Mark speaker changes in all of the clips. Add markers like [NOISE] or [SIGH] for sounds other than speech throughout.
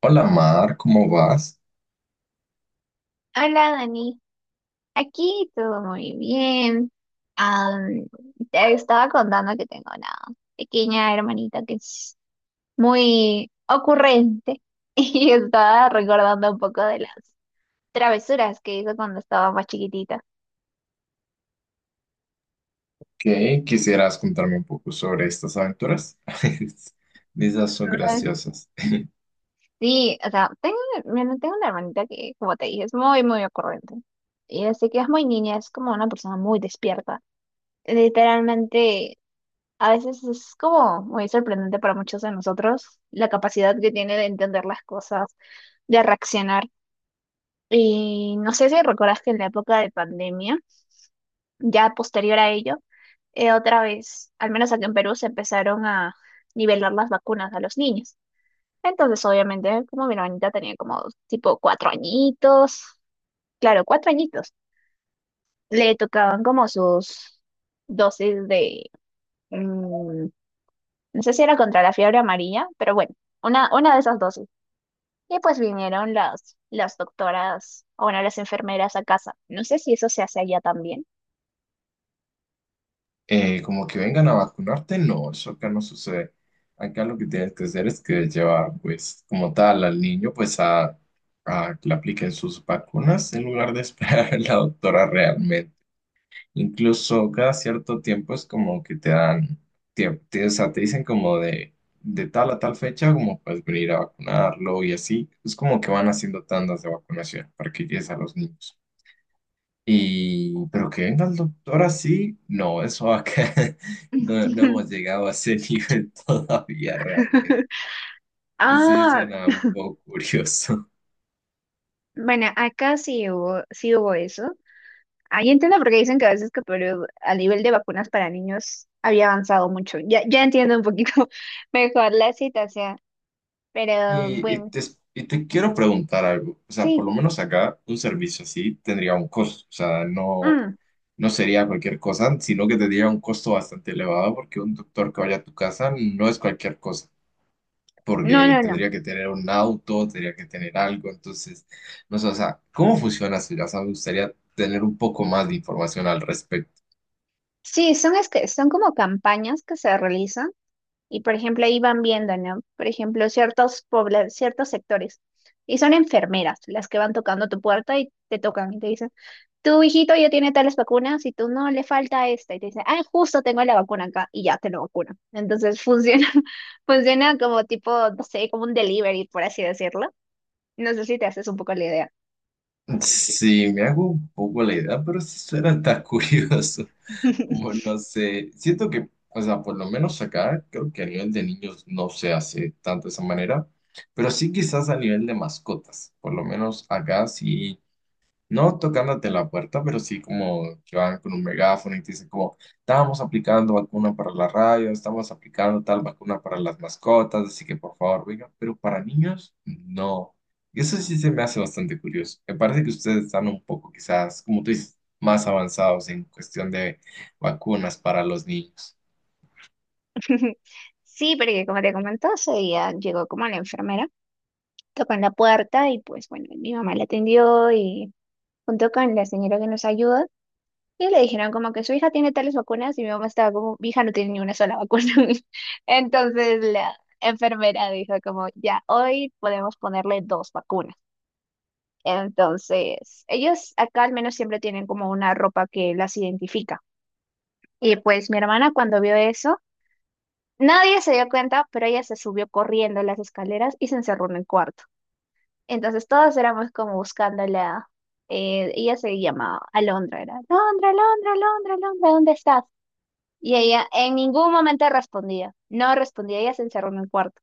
Speaker 1: Hola Mar, ¿cómo vas?
Speaker 2: Hola Dani, aquí todo muy bien. Am, Te estaba contando que tengo una pequeña hermanita que es muy ocurrente [LAUGHS] y estaba recordando un poco de las travesuras que hizo cuando estaba más chiquitita.
Speaker 1: ¿Qué quisieras contarme un poco sobre estas aventuras? [LAUGHS] Esas son
Speaker 2: Ay.
Speaker 1: graciosas.
Speaker 2: Sí, o sea, bueno, tengo una hermanita que, como te dije, es muy, muy ocurrente. Y así que es muy niña, es como una persona muy despierta. Literalmente. A veces es como muy sorprendente para muchos de nosotros la capacidad que tiene de entender las cosas, de reaccionar. Y no sé si recuerdas que en la época de pandemia, ya posterior a ello, otra vez, al menos aquí en Perú, se empezaron a nivelar las vacunas a los niños. Entonces, obviamente, como mi hermanita tenía como tipo cuatro añitos, claro, cuatro añitos, le tocaban como sus dosis de. mm, No sé si era contra la fiebre amarilla, pero bueno, una de esas dosis. Y pues vinieron las doctoras, o bueno, las enfermeras a casa. No sé si eso se hace allá también.
Speaker 1: Como que vengan a vacunarte, no, eso acá no sucede. Acá lo que tienes que hacer es que llevar, pues, como tal, al niño, pues, a que le apliquen sus vacunas en lugar de [LAUGHS] esperar a la doctora realmente. Incluso cada cierto tiempo es como que te dan, o sea, te dicen como de tal a tal fecha, como puedes venir a vacunarlo y así. Es como que van haciendo tandas de vacunación para que llegues a los niños. Y pero que venga el doctor así, no, eso acá [LAUGHS] no, no
Speaker 2: [LAUGHS]
Speaker 1: hemos llegado a ese nivel [LAUGHS] todavía realmente. Sí,
Speaker 2: Ah,
Speaker 1: suena un poco curioso. [LAUGHS]
Speaker 2: bueno, acá sí hubo, eso. Ahí entiendo por qué dicen que a veces que Perú a nivel de vacunas para niños había avanzado mucho. Ya, ya entiendo un poquito [LAUGHS] mejor la situación, pero
Speaker 1: Y, y
Speaker 2: bueno,
Speaker 1: te, y te quiero preguntar algo. O sea, por
Speaker 2: sí.
Speaker 1: lo menos acá un servicio así tendría un costo. O sea, no,
Speaker 2: Mm.
Speaker 1: no sería cualquier cosa, sino que tendría un costo bastante elevado porque un doctor que vaya a tu casa no es cualquier cosa,
Speaker 2: No,
Speaker 1: porque
Speaker 2: no, no.
Speaker 1: tendría que tener un auto, tendría que tener algo. Entonces, no sé, o sea, ¿cómo funciona eso? Ya sabes, me gustaría tener un poco más de información al respecto.
Speaker 2: Sí, es que, son como campañas que se realizan. Y por ejemplo, ahí van viendo, ¿no? Por ejemplo, ciertos ciertos sectores. Y son enfermeras las que van tocando tu puerta y te tocan y te dicen, tu hijito ya tiene tales vacunas y tú no le falta esta. Y te dicen, ah, justo tengo la vacuna acá y ya te lo vacunan. Entonces funciona, [LAUGHS] funciona como tipo, no sé, como un delivery, por así decirlo. No sé si te haces un poco la idea.
Speaker 1: Sí, me hago un poco la idea, pero sí suena tan [LAUGHS] curioso.
Speaker 2: [LAUGHS]
Speaker 1: Bueno, no sé, siento que, o sea, por lo menos acá, creo que a nivel de niños no se hace tanto de esa manera, pero sí quizás a nivel de mascotas, por lo menos acá sí. No tocándote la puerta, pero sí como que van con un megáfono y te dicen como, estamos aplicando vacuna para la radio, estamos aplicando tal vacuna para las mascotas, así que por favor, vengan, pero para niños, no. Y eso sí se me hace bastante curioso. Me parece que ustedes están un poco quizás, como tú dices, más avanzados en cuestión de vacunas para los niños.
Speaker 2: Sí, porque como te comentó, ese día llegó como la enfermera, tocó en la puerta y pues bueno, mi mamá la atendió y junto con la señora que nos ayuda, y le dijeron como que su hija tiene tales vacunas y mi mamá estaba como, mi hija no tiene ni una sola vacuna. [LAUGHS] Entonces la enfermera dijo como, ya, hoy podemos ponerle dos vacunas. Entonces, ellos acá al menos siempre tienen como una ropa que las identifica. Y pues mi hermana cuando vio eso, nadie se dio cuenta, pero ella se subió corriendo las escaleras y se encerró en el cuarto. Entonces todos éramos como buscándola. Ella se llamaba Alondra, era Alondra, Alondra, Alondra, Alondra, ¿dónde estás? Y ella en ningún momento respondía, no respondía, ella se encerró en el cuarto.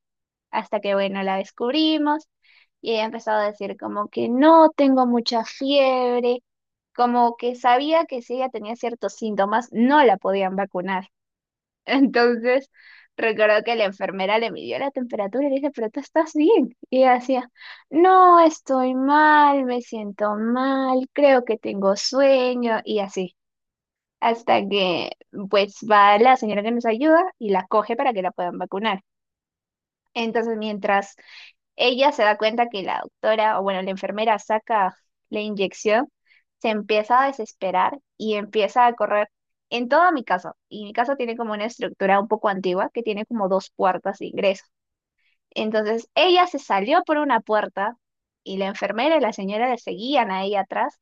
Speaker 2: Hasta que, bueno, la descubrimos y ella empezó a decir como que no tengo mucha fiebre, como que sabía que si ella tenía ciertos síntomas, no la podían vacunar. Entonces, recuerdo que la enfermera le midió la temperatura y le dije, pero tú estás bien. Y ella decía, no, estoy mal, me siento mal, creo que tengo sueño y así. Hasta que pues va la señora que nos ayuda y la coge para que la puedan vacunar. Entonces, mientras ella se da cuenta que la doctora, o bueno, la enfermera saca la inyección, se empieza a desesperar y empieza a correr en toda mi casa. Y mi casa tiene como una estructura un poco antigua que tiene como dos puertas de ingreso. Entonces ella se salió por una puerta y la enfermera y la señora le seguían a ella atrás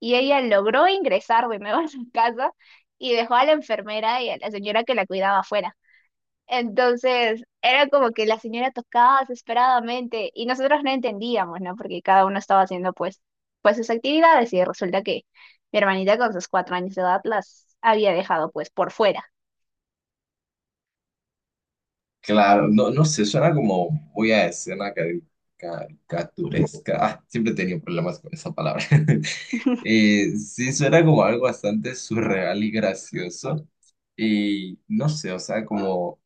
Speaker 2: y ella logró ingresar de nuevo a su casa y dejó a la enfermera y a la señora que la cuidaba afuera. Entonces, era como que la señora tocaba desesperadamente y nosotros no entendíamos, ¿no? Porque cada uno estaba haciendo pues sus actividades y resulta que mi hermanita con sus cuatro años de edad las había dejado pues por fuera.
Speaker 1: Claro, no, no sé, suena como muy a escena caricaturesca. Ah, siempre he tenido problemas con esa palabra. [LAUGHS]
Speaker 2: [LAUGHS]
Speaker 1: Sí, suena como algo bastante surreal y gracioso. Y no sé, o sea, como,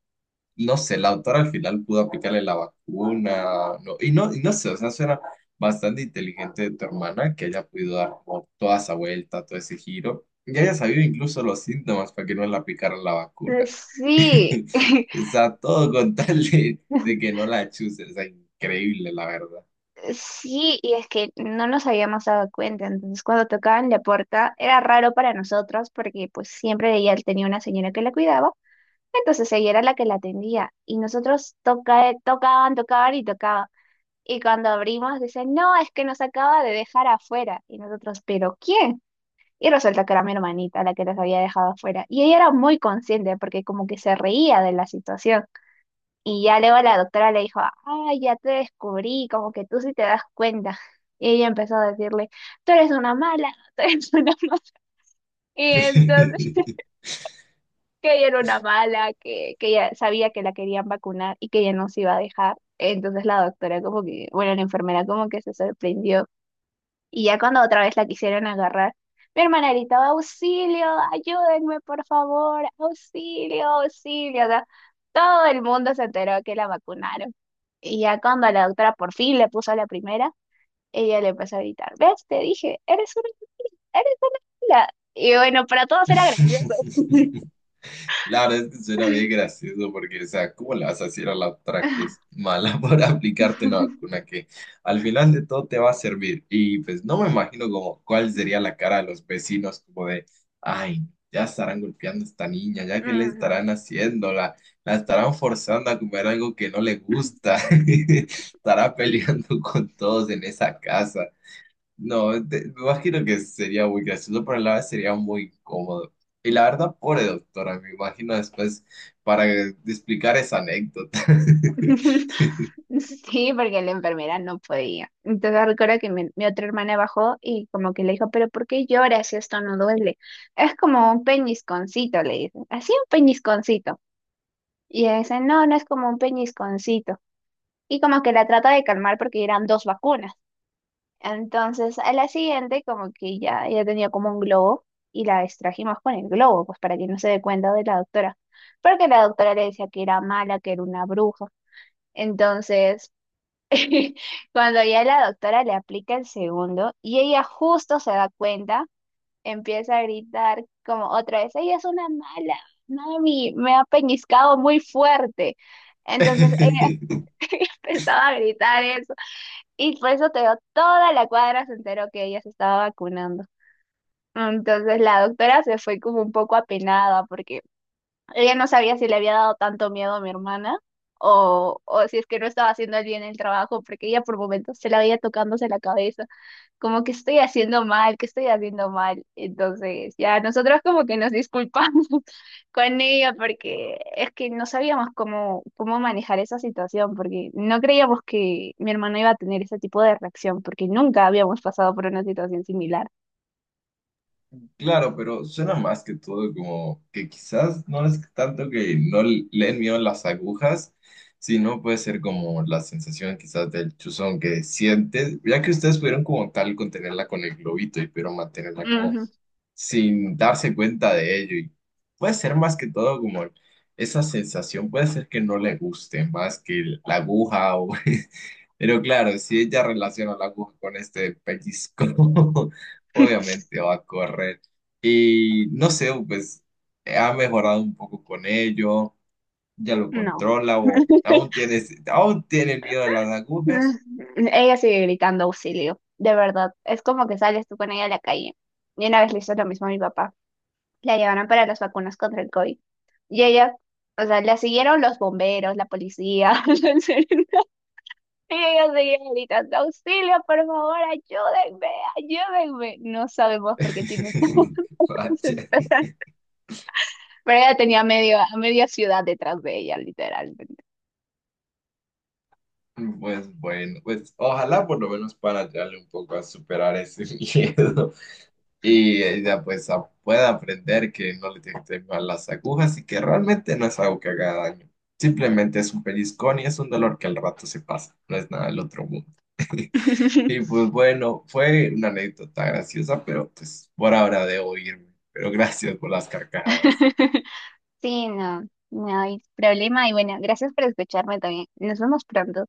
Speaker 1: no sé, la autora al final pudo aplicarle la vacuna. No, no, y no sé, o sea, suena bastante inteligente de tu hermana que haya podido dar como toda esa vuelta, todo ese giro. Y haya sabido incluso los síntomas para que no le aplicaran la vacuna.
Speaker 2: Sí, [LAUGHS]
Speaker 1: [LAUGHS] O sea, todo con tal de que no la chusen. O sea, increíble, la verdad.
Speaker 2: sí, y es que no nos habíamos dado cuenta. Entonces, cuando tocaban la puerta, era raro para nosotros porque pues siempre ella tenía una señora que la cuidaba. Entonces ella era la que la atendía y nosotros tocaban, tocaban y tocaban. Y cuando abrimos, dicen, no, es que nos acaba de dejar afuera. Y nosotros, ¿pero quién? Y resulta que era mi hermanita la que nos había dejado afuera. Y ella era muy consciente porque como que se reía de la situación. Y ya luego la doctora le dijo, ay, ya te descubrí, como que tú sí te das cuenta. Y ella empezó a decirle, tú eres una mala, [LAUGHS] tú eres una mala. Y entonces que ella era una mala, que ella sabía que la querían vacunar y que ella no se iba a dejar. Entonces la doctora como que, bueno, la enfermera como que se sorprendió. Y ya cuando otra vez la quisieron agarrar, mi hermana gritaba, auxilio, ayúdenme, por favor, auxilio, auxilio. O sea, todo el mundo se enteró que la vacunaron. Y ya cuando la doctora por fin le puso la primera, ella le empezó a gritar, ¿ves? Te dije, eres una mala". Y bueno, para todos era gracioso.
Speaker 1: [LAUGHS] Claro, es que suena bien gracioso porque, o sea, ¿cómo le vas a decir a la otra que es mala [LAUGHS] para aplicarte una
Speaker 2: [LAUGHS]
Speaker 1: vacuna que al final de todo te va a servir? Y pues no me imagino como cuál sería la cara de los vecinos, como de, ay, ya estarán golpeando a esta niña, ya que le
Speaker 2: Ujú.
Speaker 1: estarán haciendo, la estarán forzando a comer algo que no le gusta, [LAUGHS] estará peleando con todos en esa casa. No, me imagino que sería muy gracioso, pero a la vez sería muy incómodo. Y la verdad, pobre doctora, me imagino después para explicar esa anécdota. [LAUGHS]
Speaker 2: [LAUGHS] Sí, porque la enfermera no podía. Entonces recuerdo que mi otra hermana bajó y como que le dijo, pero ¿por qué lloras si esto no duele? Es como un peñisconcito, le dice. Así un peñisconcito. Y ella dice, no, no es como un peñisconcito. Y como que la trata de calmar porque eran dos vacunas. Entonces a la siguiente como que ya, ella tenía como un globo y la distrajimos con el globo, pues para que no se dé cuenta de la doctora. Porque la doctora le decía que era mala, que era una bruja. Entonces [LAUGHS] cuando ya la doctora le aplica el segundo y ella justo se da cuenta, empieza a gritar como otra vez, ella es una mala, mami, me ha peñiscado muy fuerte. Entonces ella,
Speaker 1: [LAUGHS]
Speaker 2: [LAUGHS] ella empezaba a gritar eso y por eso te digo, toda la cuadra se enteró que ella se estaba vacunando. Entonces la doctora se fue como un poco apenada porque ella no sabía si le había dado tanto miedo a mi hermana o si es que no estaba haciendo bien el trabajo, porque ella por momentos se la veía tocándose la cabeza, como que estoy haciendo mal, que estoy haciendo mal. Entonces, ya nosotros como que nos disculpamos [LAUGHS] con ella porque es que no sabíamos cómo manejar esa situación, porque no creíamos que mi hermana iba a tener ese tipo de reacción, porque nunca habíamos pasado por una situación similar.
Speaker 1: Claro, pero suena más que todo como que quizás no es tanto que no le den miedo las agujas, sino puede ser como la sensación quizás del chuzón que sientes, ya que ustedes pudieron como tal contenerla con el globito y pudieron mantenerla como
Speaker 2: Ujú.
Speaker 1: sin darse cuenta de ello. Y puede ser más que todo como esa sensación, puede ser que no le guste más que la aguja, o... [LAUGHS] pero claro, si ella relaciona la aguja con este pellizco, [LAUGHS] obviamente va a correr. Y no sé, pues ha mejorado un poco con ello, ya lo
Speaker 2: No.
Speaker 1: controla o
Speaker 2: [LAUGHS]
Speaker 1: aún tiene el miedo de las agujas.
Speaker 2: Mm, Ella sigue gritando auxilio, de verdad. Es como que sales tú con ella a la calle. Y una vez le hizo lo mismo a mi papá. La llevaron para las vacunas contra el COVID. Y ella, o sea, la siguieron los bomberos, la policía. [LAUGHS] En serio. Y ella seguía gritando, auxilio, por favor, ayúdenme, ayúdenme. No sabemos por qué tiene tanto.
Speaker 1: [LAUGHS] Vaya.
Speaker 2: [LAUGHS] Pero ella tenía a media ciudad detrás de ella, literalmente.
Speaker 1: Pues bueno, pues ojalá por lo menos para ayudarle un poco a superar ese [LAUGHS] miedo y ella pues pueda aprender que no le tiene que tener miedo a las agujas y que realmente no es algo que haga daño. Simplemente es un pellizcón y es un dolor que al rato se pasa, no es nada del otro mundo. [LAUGHS] Y
Speaker 2: [LAUGHS]
Speaker 1: pues bueno, fue una anécdota graciosa, pero pues por ahora debo irme. Pero gracias por las carcajadas.
Speaker 2: Sí, no, no hay problema. Y bueno, gracias por escucharme también. Nos vemos pronto.